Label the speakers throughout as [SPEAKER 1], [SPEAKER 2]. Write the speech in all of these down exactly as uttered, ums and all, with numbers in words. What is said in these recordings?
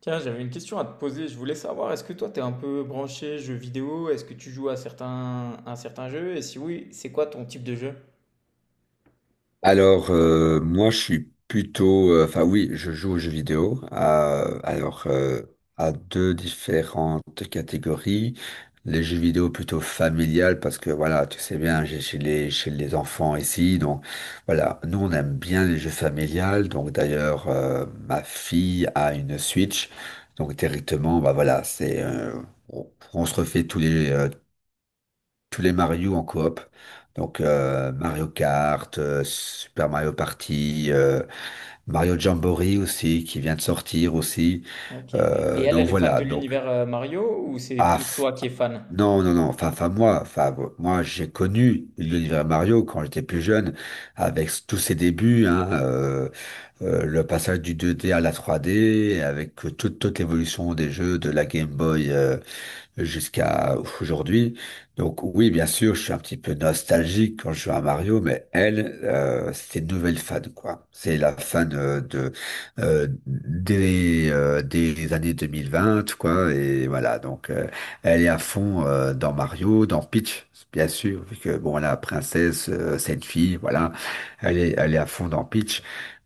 [SPEAKER 1] Tiens, j'avais une question à te poser. Je voulais savoir, est-ce que toi, t'es un peu branché jeux vidéo? Est-ce que tu joues à certains, à certains jeux? Et si oui, c'est quoi ton type de jeu?
[SPEAKER 2] Alors, euh, moi, je suis plutôt... euh, Enfin, Oui, je joue aux jeux vidéo. à- alors, euh, à deux différentes catégories. Les jeux vidéo plutôt familiales, parce que, voilà, tu sais bien, j'ai chez les, chez les enfants ici. Donc, voilà, nous, on aime bien les jeux familiales. Donc, d'ailleurs, euh, ma fille a une Switch. Donc, directement, bah voilà, c'est... euh, on, on se refait tous les, euh, tous les Mario en coop. Donc euh, Mario Kart, euh, Super Mario Party, euh, Mario Jamboree aussi, qui vient de sortir aussi.
[SPEAKER 1] Ok. Et
[SPEAKER 2] Euh,
[SPEAKER 1] elle,
[SPEAKER 2] donc
[SPEAKER 1] elle est fan
[SPEAKER 2] voilà,
[SPEAKER 1] de
[SPEAKER 2] donc...
[SPEAKER 1] l'univers euh, Mario ou c'est
[SPEAKER 2] Ah,
[SPEAKER 1] plus
[SPEAKER 2] f-
[SPEAKER 1] toi qui es fan?
[SPEAKER 2] non, non, non. Enfin, enfin moi, enfin moi, j'ai connu l'univers Mario quand j'étais plus jeune, avec s- tous ses débuts, hein, euh, euh, le passage du deux D à la trois D, avec euh, toute, toute l'évolution des jeux de la Game Boy. euh, jusqu'à aujourd'hui. Donc oui, bien sûr, je suis un petit peu nostalgique quand je joue à Mario, mais elle, euh, c'est une nouvelle fan, quoi. C'est la fan euh, de euh, des, euh, des années deux mille vingt, quoi. Et voilà, donc euh, elle est à fond euh, dans Mario, dans Peach. Bien sûr, vu que bon, la princesse, euh, c'est une fille, voilà, elle est, elle est à fond dans Peach.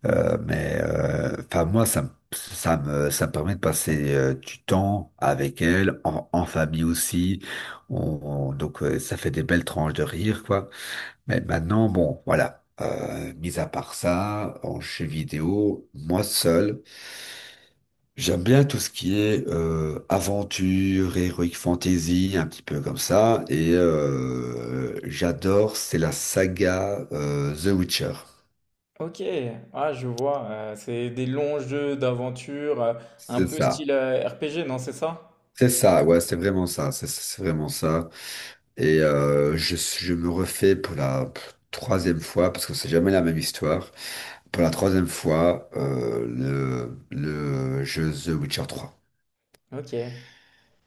[SPEAKER 2] Euh, mais euh, enfin moi ça me ça me, ça me permet de passer euh, du temps avec elle, en, en famille aussi. On, on- donc euh, ça fait des belles tranches de rire, quoi. Mais maintenant, bon, voilà. Euh, mis à part ça, en jeu vidéo, moi seul, j'aime bien tout ce qui est euh, aventure, heroic fantasy, un petit peu comme ça. Et euh, j'adore, c'est la saga euh, The Witcher.
[SPEAKER 1] Ok. Ah, je vois. Euh, c'est des longs jeux d'aventure, euh, un
[SPEAKER 2] C'est
[SPEAKER 1] peu
[SPEAKER 2] ça.
[SPEAKER 1] style euh, R P G, non, c'est ça?
[SPEAKER 2] C'est ça, ouais, c'est vraiment ça, c'est c'est vraiment ça. Et euh, je, je me refais pour la troisième fois, parce que c'est jamais la même histoire, pour la troisième fois euh, le, le jeu The Witcher trois.
[SPEAKER 1] Ok.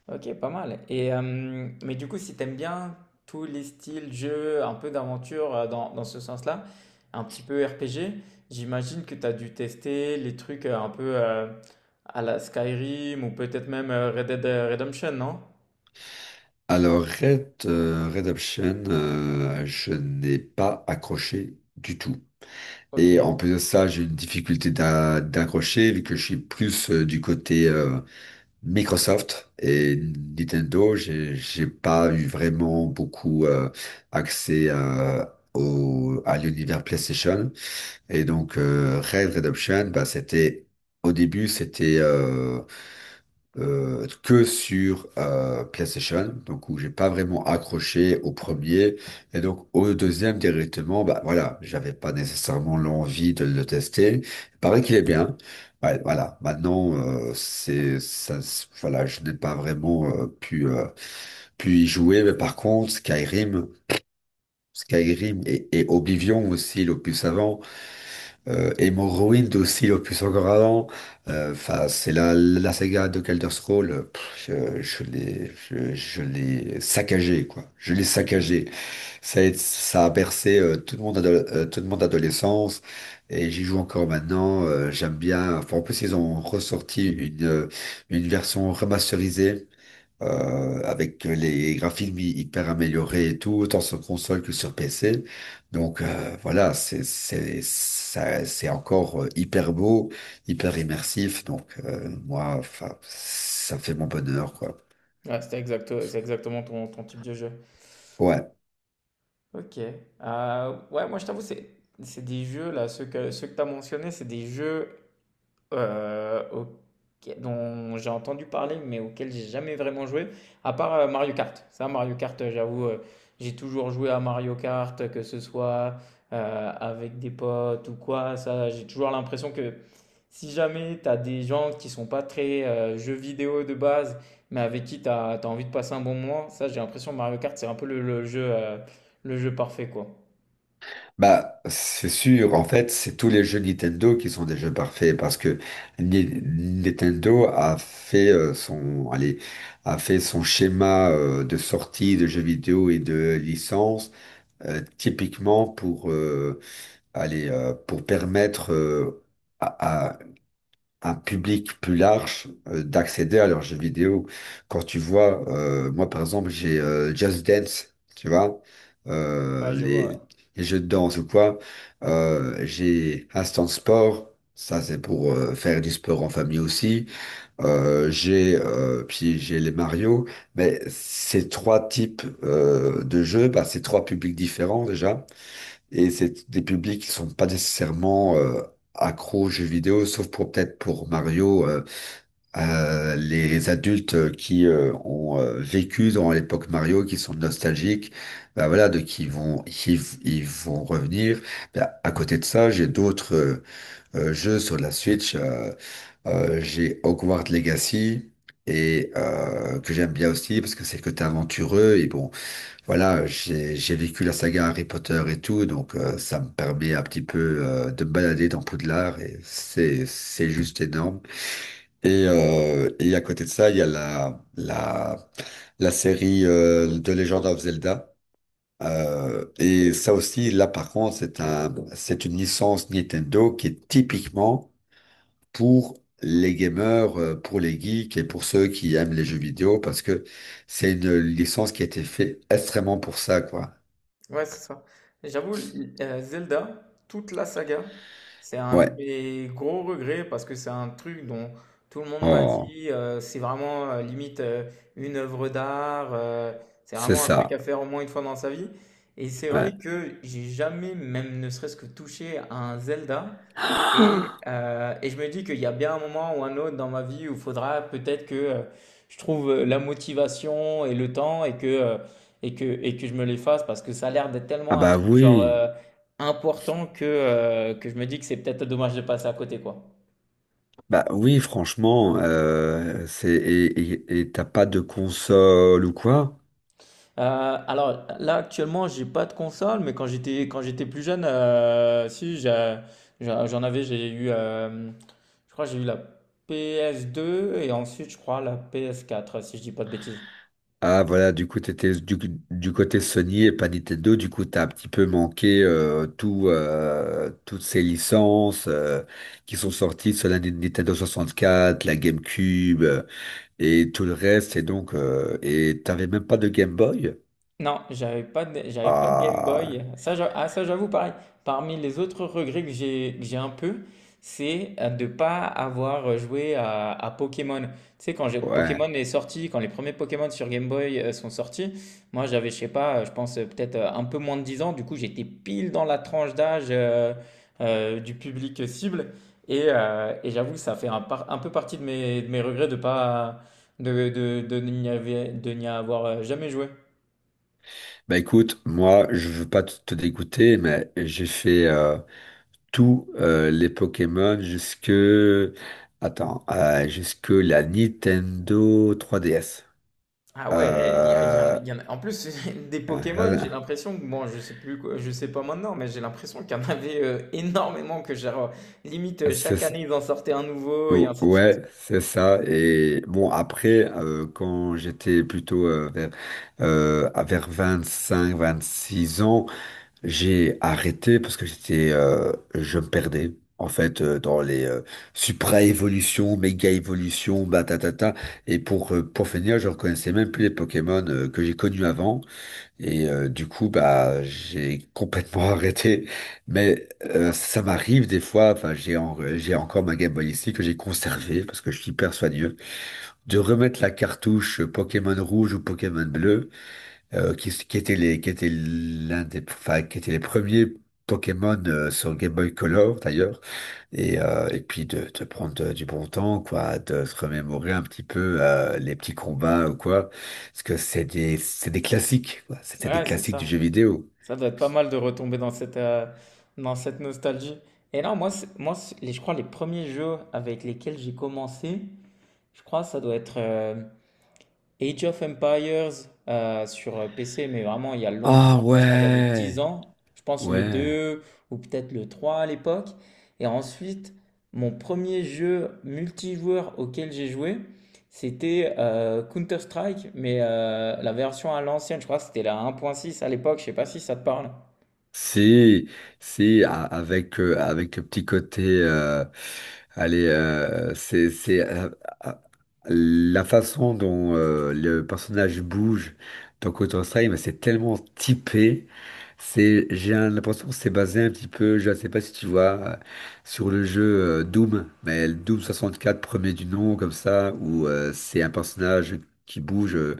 [SPEAKER 1] Ok, pas mal. Et, euh, mais du coup, si t'aimes bien tous les styles jeux, un peu d'aventure euh, dans, dans ce sens-là, un petit peu R P G, j'imagine que t'as dû tester les trucs euh, un peu euh, à la Skyrim ou peut-être même euh, Red Dead euh, Redemption, non?
[SPEAKER 2] Alors Red euh, Redemption, euh, je n'ai pas accroché du tout.
[SPEAKER 1] Ok,
[SPEAKER 2] Et en plus de ça, j'ai une difficulté d'a- d'accrocher, vu que je suis plus euh, du côté euh, Microsoft et Nintendo, j'ai j'ai pas eu vraiment beaucoup euh, accès à, au, à l'univers PlayStation. Et donc, euh, Red Redemption, bah, c'était, au début, c'était euh, euh, que sur euh, PlayStation, donc où j'ai pas vraiment accroché au premier, et donc au deuxième directement, bah voilà, j'avais pas nécessairement l'envie de le tester. Il paraît qu'il est bien. Ouais, voilà. Maintenant, euh, c'est ça, se- voilà, je n'ai pas vraiment euh, pu euh, pu y jouer, mais par contre, Skyrim. Skyrim et, et Oblivion aussi, l'opus avant, euh, et Morrowind aussi, opus encore avant. Euh, Enfin, c'est la, la saga de Elder Scrolls. Euh, pff, je, je l'ai, je, je l'ai saccagé, quoi. Je l'ai
[SPEAKER 1] ok.
[SPEAKER 2] saccagé. Ça a, été- ça a bercé euh, toute mon ado- euh, toute mon adolescence. Et j'y joue encore maintenant. euh, j'aime bien. Enfin, en plus, ils ont ressorti une, euh, une version remasterisée euh, avec les graphismes hy- hyper améliorés et tout, autant sur console que sur P C. Donc euh, voilà, c'est c'est ça- c'est encore euh, hyper beau, hyper immersif. Donc euh, moi, enfin, ça fait mon bonheur, quoi.
[SPEAKER 1] Ouais, c'était exacto- c'est exactement ton, ton type de jeu.
[SPEAKER 2] Ouais.
[SPEAKER 1] Ok. Euh, ouais, moi je t'avoue, c'est, c'est des jeux, là, ceux que, ceux que tu as mentionnés, c'est des jeux Heu, auquel dont j'ai entendu parler, mais auquel j'ai jamais vraiment joué, à part, heu, Mario Kart. Ça, Mario Kart, heu, j'avoue, heu, j'ai toujours joué à Mario Kart, que ce soit, heu, avec des potes ou quoi. Ça, j'ai toujours l'impression que si jamais tu as des gens qui sont pas très, heu, jeux vidéo de base, mais avec qui tu as envie de passer un bon moment, ça, j'ai l'impression que Mario Kart, c'est un peu le le jeu, heu, le jeu parfait, quoi.
[SPEAKER 2] Bah, c'est sûr, en fait, c'est tous les jeux Nintendo qui sont des jeux parfaits parce que Ni- Nintendo a fait euh, son, allez, a fait son schéma euh, de sortie de jeux vidéo et de licences Euh, typiquement pour euh, aller euh, pour permettre euh, à, à un public plus large euh, d'accéder à leurs jeux vidéo. Quand tu vois, euh, moi par exemple, j'ai euh, Just Dance, tu vois,
[SPEAKER 1] Ouais,
[SPEAKER 2] euh,
[SPEAKER 1] je vois, ouais.
[SPEAKER 2] les, les jeux de danse ou quoi. Euh, j'ai Instant Sport. Ça, c'est pour euh, faire du sport en famille aussi. Euh, j'ai euh, Puis j'ai les Mario, mais ces trois types euh, de jeux, bah, c'est trois publics différents déjà. Et c'est des publics qui sont pas nécessairement euh, accros aux jeux vidéo, sauf pour peut-être pour Mario, euh, euh, les adultes euh, qui euh, ont euh, vécu dans l'époque Mario, qui sont nostalgiques, bah voilà, de qui vont qui v- ils vont revenir. Bah, à côté de ça, j'ai d'autres euh, euh, jeux sur la Switch. euh, euh, J'ai Hogwarts Legacy. Et euh, que j'aime bien aussi parce que c'est le côté aventureux et bon voilà, j'ai j'ai vécu la saga Harry Potter et tout, donc euh, ça me permet un petit peu euh, de me balader dans Poudlard et c'est c'est juste énorme. Et, euh, et à côté de ça, il y a la la la série euh, de Legend of Zelda. Euh, et ça aussi, là par contre, c'est un c'est une licence Nintendo qui est typiquement pour les gamers, euh, pour les geeks et pour ceux qui aiment les jeux vidéo parce que c'est une licence qui a été faite extrêmement pour ça, quoi.
[SPEAKER 1] Ouais, c'est ça. J'avoue, l- euh, Zelda, toute la saga, c'est un de
[SPEAKER 2] Ouais.
[SPEAKER 1] mes gros regrets parce que c'est un truc dont tout le monde m'a
[SPEAKER 2] Oh,
[SPEAKER 1] dit, euh, c'est vraiment euh, limite euh, une œuvre d'art, euh, c'est
[SPEAKER 2] c'est
[SPEAKER 1] vraiment un truc
[SPEAKER 2] ça.
[SPEAKER 1] à faire au moins une fois dans sa vie. Et c'est
[SPEAKER 2] Ouais.
[SPEAKER 1] vrai que j'ai jamais, même ne serait-ce que touché à un Zelda et, euh, et je me dis qu'il y a bien un moment ou un autre dans ma vie où il faudra peut-être que euh, je trouve euh, la motivation et le temps et que, euh, et que, et que je me les fasse parce que ça a l'air d'être
[SPEAKER 2] Ah
[SPEAKER 1] tellement un
[SPEAKER 2] bah
[SPEAKER 1] truc genre
[SPEAKER 2] oui,
[SPEAKER 1] euh, important que, euh, que je me dis que c'est peut-être dommage de passer à côté quoi.
[SPEAKER 2] bah oui, franchement, euh, c'est et et- et t'as pas de console ou quoi?
[SPEAKER 1] Euh, alors là actuellement j'ai pas de console mais quand j'étais quand j'étais plus jeune euh, si j'ai- j'ai- j'en avais j'ai eu euh, je crois que j'ai eu la ps deux et ensuite je crois la ps quatre si je dis pas de bêtises.
[SPEAKER 2] Ah voilà, du coup t'étais du, du côté Sony et pas Nintendo, du coup t'as un petit peu manqué euh, tout, euh, toutes ces licences euh, qui sont sorties sur la Ni- Nintendo quatre la GameCube euh, et tout le reste, et donc euh, et t'avais même pas de Game Boy?
[SPEAKER 1] Non, j'avais pas de, j'avais pas de Game
[SPEAKER 2] Ah
[SPEAKER 1] Boy. Ça, j'a- ah, ça, j'avoue, pareil. Parmi les autres regrets que j'ai, que j'ai un peu, c'est euh, de pas avoir joué à, à Pokémon. Tu sais, quand j'ai-
[SPEAKER 2] ouais.
[SPEAKER 1] Pokémon est sorti, quand les premiers Pokémon sur Game Boy euh, sont sortis, moi, j'avais, je sais pas, euh, je pense euh, peut-être euh, un peu moins de dix ans. Du coup, j'étais pile dans la tranche d'âge euh, euh, du public cible. Et, euh, et j'avoue que ça fait un, par- un peu partie de mes, de mes regrets de pas, de, de, de n'y avoir, de n'y avoir euh, jamais joué.
[SPEAKER 2] Bah écoute, moi je veux pas te te dégoûter, mais j'ai fait euh, tous euh, les Pokémon jusque attends euh, jusque la Nintendo trois D S.
[SPEAKER 1] Ah ouais, il y, a- il y en a,
[SPEAKER 2] Euh,
[SPEAKER 1] il y en a- En plus, des Pokémon,
[SPEAKER 2] euh,
[SPEAKER 1] j'ai l'impression que, bon, je sais plus, quoi- je sais pas maintenant, mais j'ai l'impression qu'il y en avait euh, énormément, que genre, limite, euh,
[SPEAKER 2] c'est
[SPEAKER 1] chaque
[SPEAKER 2] ça.
[SPEAKER 1] année, ils en sortaient un nouveau, et
[SPEAKER 2] Ou-
[SPEAKER 1] ainsi de suite.
[SPEAKER 2] ouais, c'est ça. Et bon après euh, quand j'étais plutôt euh, vers euh, à vers vingt-cinq, vingt-six ans. J'ai arrêté parce que j'étais, euh, je me perdais. En fait, euh, dans les euh, supra-évolutions, méga-évolutions, batatata. Et pour, euh, pour finir, je reconnaissais même plus les Pokémon euh, que j'ai connus avant. Et euh, du coup, bah, j'ai complètement arrêté. Mais euh, ça m'arrive des fois, enfin, j'ai en- j'ai encore ma Game Boy ici que j'ai conservée parce que je suis hyper soigneux, de remettre la cartouche Pokémon rouge ou Pokémon bleu euh, qui, qui était les, qui était l'un des, enfin, qui était les premiers Pokémon euh, sur Game Boy Color d'ailleurs, et, euh, et puis de, de prendre euh, du bon temps, quoi, de se remémorer un petit peu euh, les petits combats ou quoi, parce que c'est des, c'est des classiques, quoi, c'était des
[SPEAKER 1] Ouais, c'est
[SPEAKER 2] classiques du
[SPEAKER 1] ça.
[SPEAKER 2] jeu vidéo.
[SPEAKER 1] Ça doit être pas mal de retomber dans cette, euh, dans cette nostalgie. Et non, moi, c'est- moi c'est- les- je crois les premiers jeux avec lesquels j'ai commencé, je crois, ça doit être Age of Empires euh, sur P C, mais vraiment il y a longtemps,
[SPEAKER 2] Ah
[SPEAKER 1] je pense quand j'avais dix
[SPEAKER 2] ouais,
[SPEAKER 1] ans, je pense le
[SPEAKER 2] ouais.
[SPEAKER 1] deux ou peut-être le trois à l'époque. Et ensuite, mon premier jeu multijoueur auquel j'ai joué, c'était euh, Counter-Strike, mais euh, la version à l'ancienne, je crois que c'était la un point six à l'époque, je sais pas si ça te parle.
[SPEAKER 2] Si, si, a- avec, euh, avec le petit côté, euh, allez, euh, c'est, c'est, euh, euh, la façon dont euh, le personnage bouge dans Counter-Strike, mais c'est tellement typé. C'est, j'ai un- l'impression que c'est basé un petit peu, je ne sais pas si tu vois, euh, sur le jeu euh, Doom, mais le Doom quatre premier du nom, comme ça, où euh, c'est un personnage qui bouge. euh,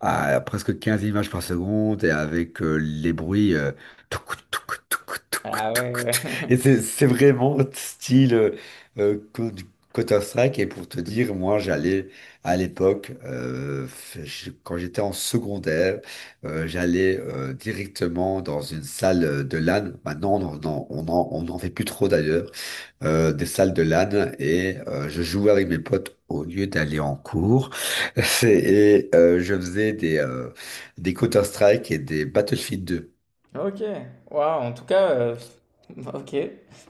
[SPEAKER 2] à presque quinze images par seconde et avec euh, les bruits. euh, touc, touc, touc, touc,
[SPEAKER 1] Ah
[SPEAKER 2] touc,
[SPEAKER 1] ouais, ouais.
[SPEAKER 2] touc. Et c'est c'est vraiment style euh, euh, Co- du Counter-Strike. Et pour te dire, moi, j'allais à l'époque, euh, f- je- quand j'étais en secondaire, euh, j'allais euh, directement dans une salle euh, de LAN. Maintenant, on n'en on en- on en fait plus trop d'ailleurs euh, des salles de LAN et euh, je jouais avec mes potes au lieu d'aller en cours. C'est- Et euh, je faisais des, euh, des Counter-Strike et des Battlefield deux.
[SPEAKER 1] Ok, waouh, en tout cas, euh, ok.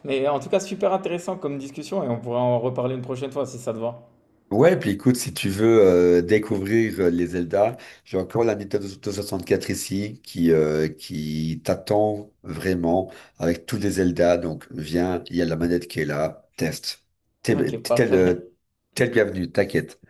[SPEAKER 1] Mais en tout cas, super intéressant comme discussion et on pourra en reparler une prochaine fois si ça te va.
[SPEAKER 2] Ouais, puis écoute, si tu veux euh, découvrir euh, les Zelda, j'ai encore la Nintendo soixante-quatre ici qui, euh, qui t'attend vraiment avec tous les Zelda. Donc viens, il y a la manette qui est là, teste. T'es
[SPEAKER 1] Ok,
[SPEAKER 2] t'es- t'es
[SPEAKER 1] parfait.
[SPEAKER 2] le- t'es le bienvenu, t'inquiète.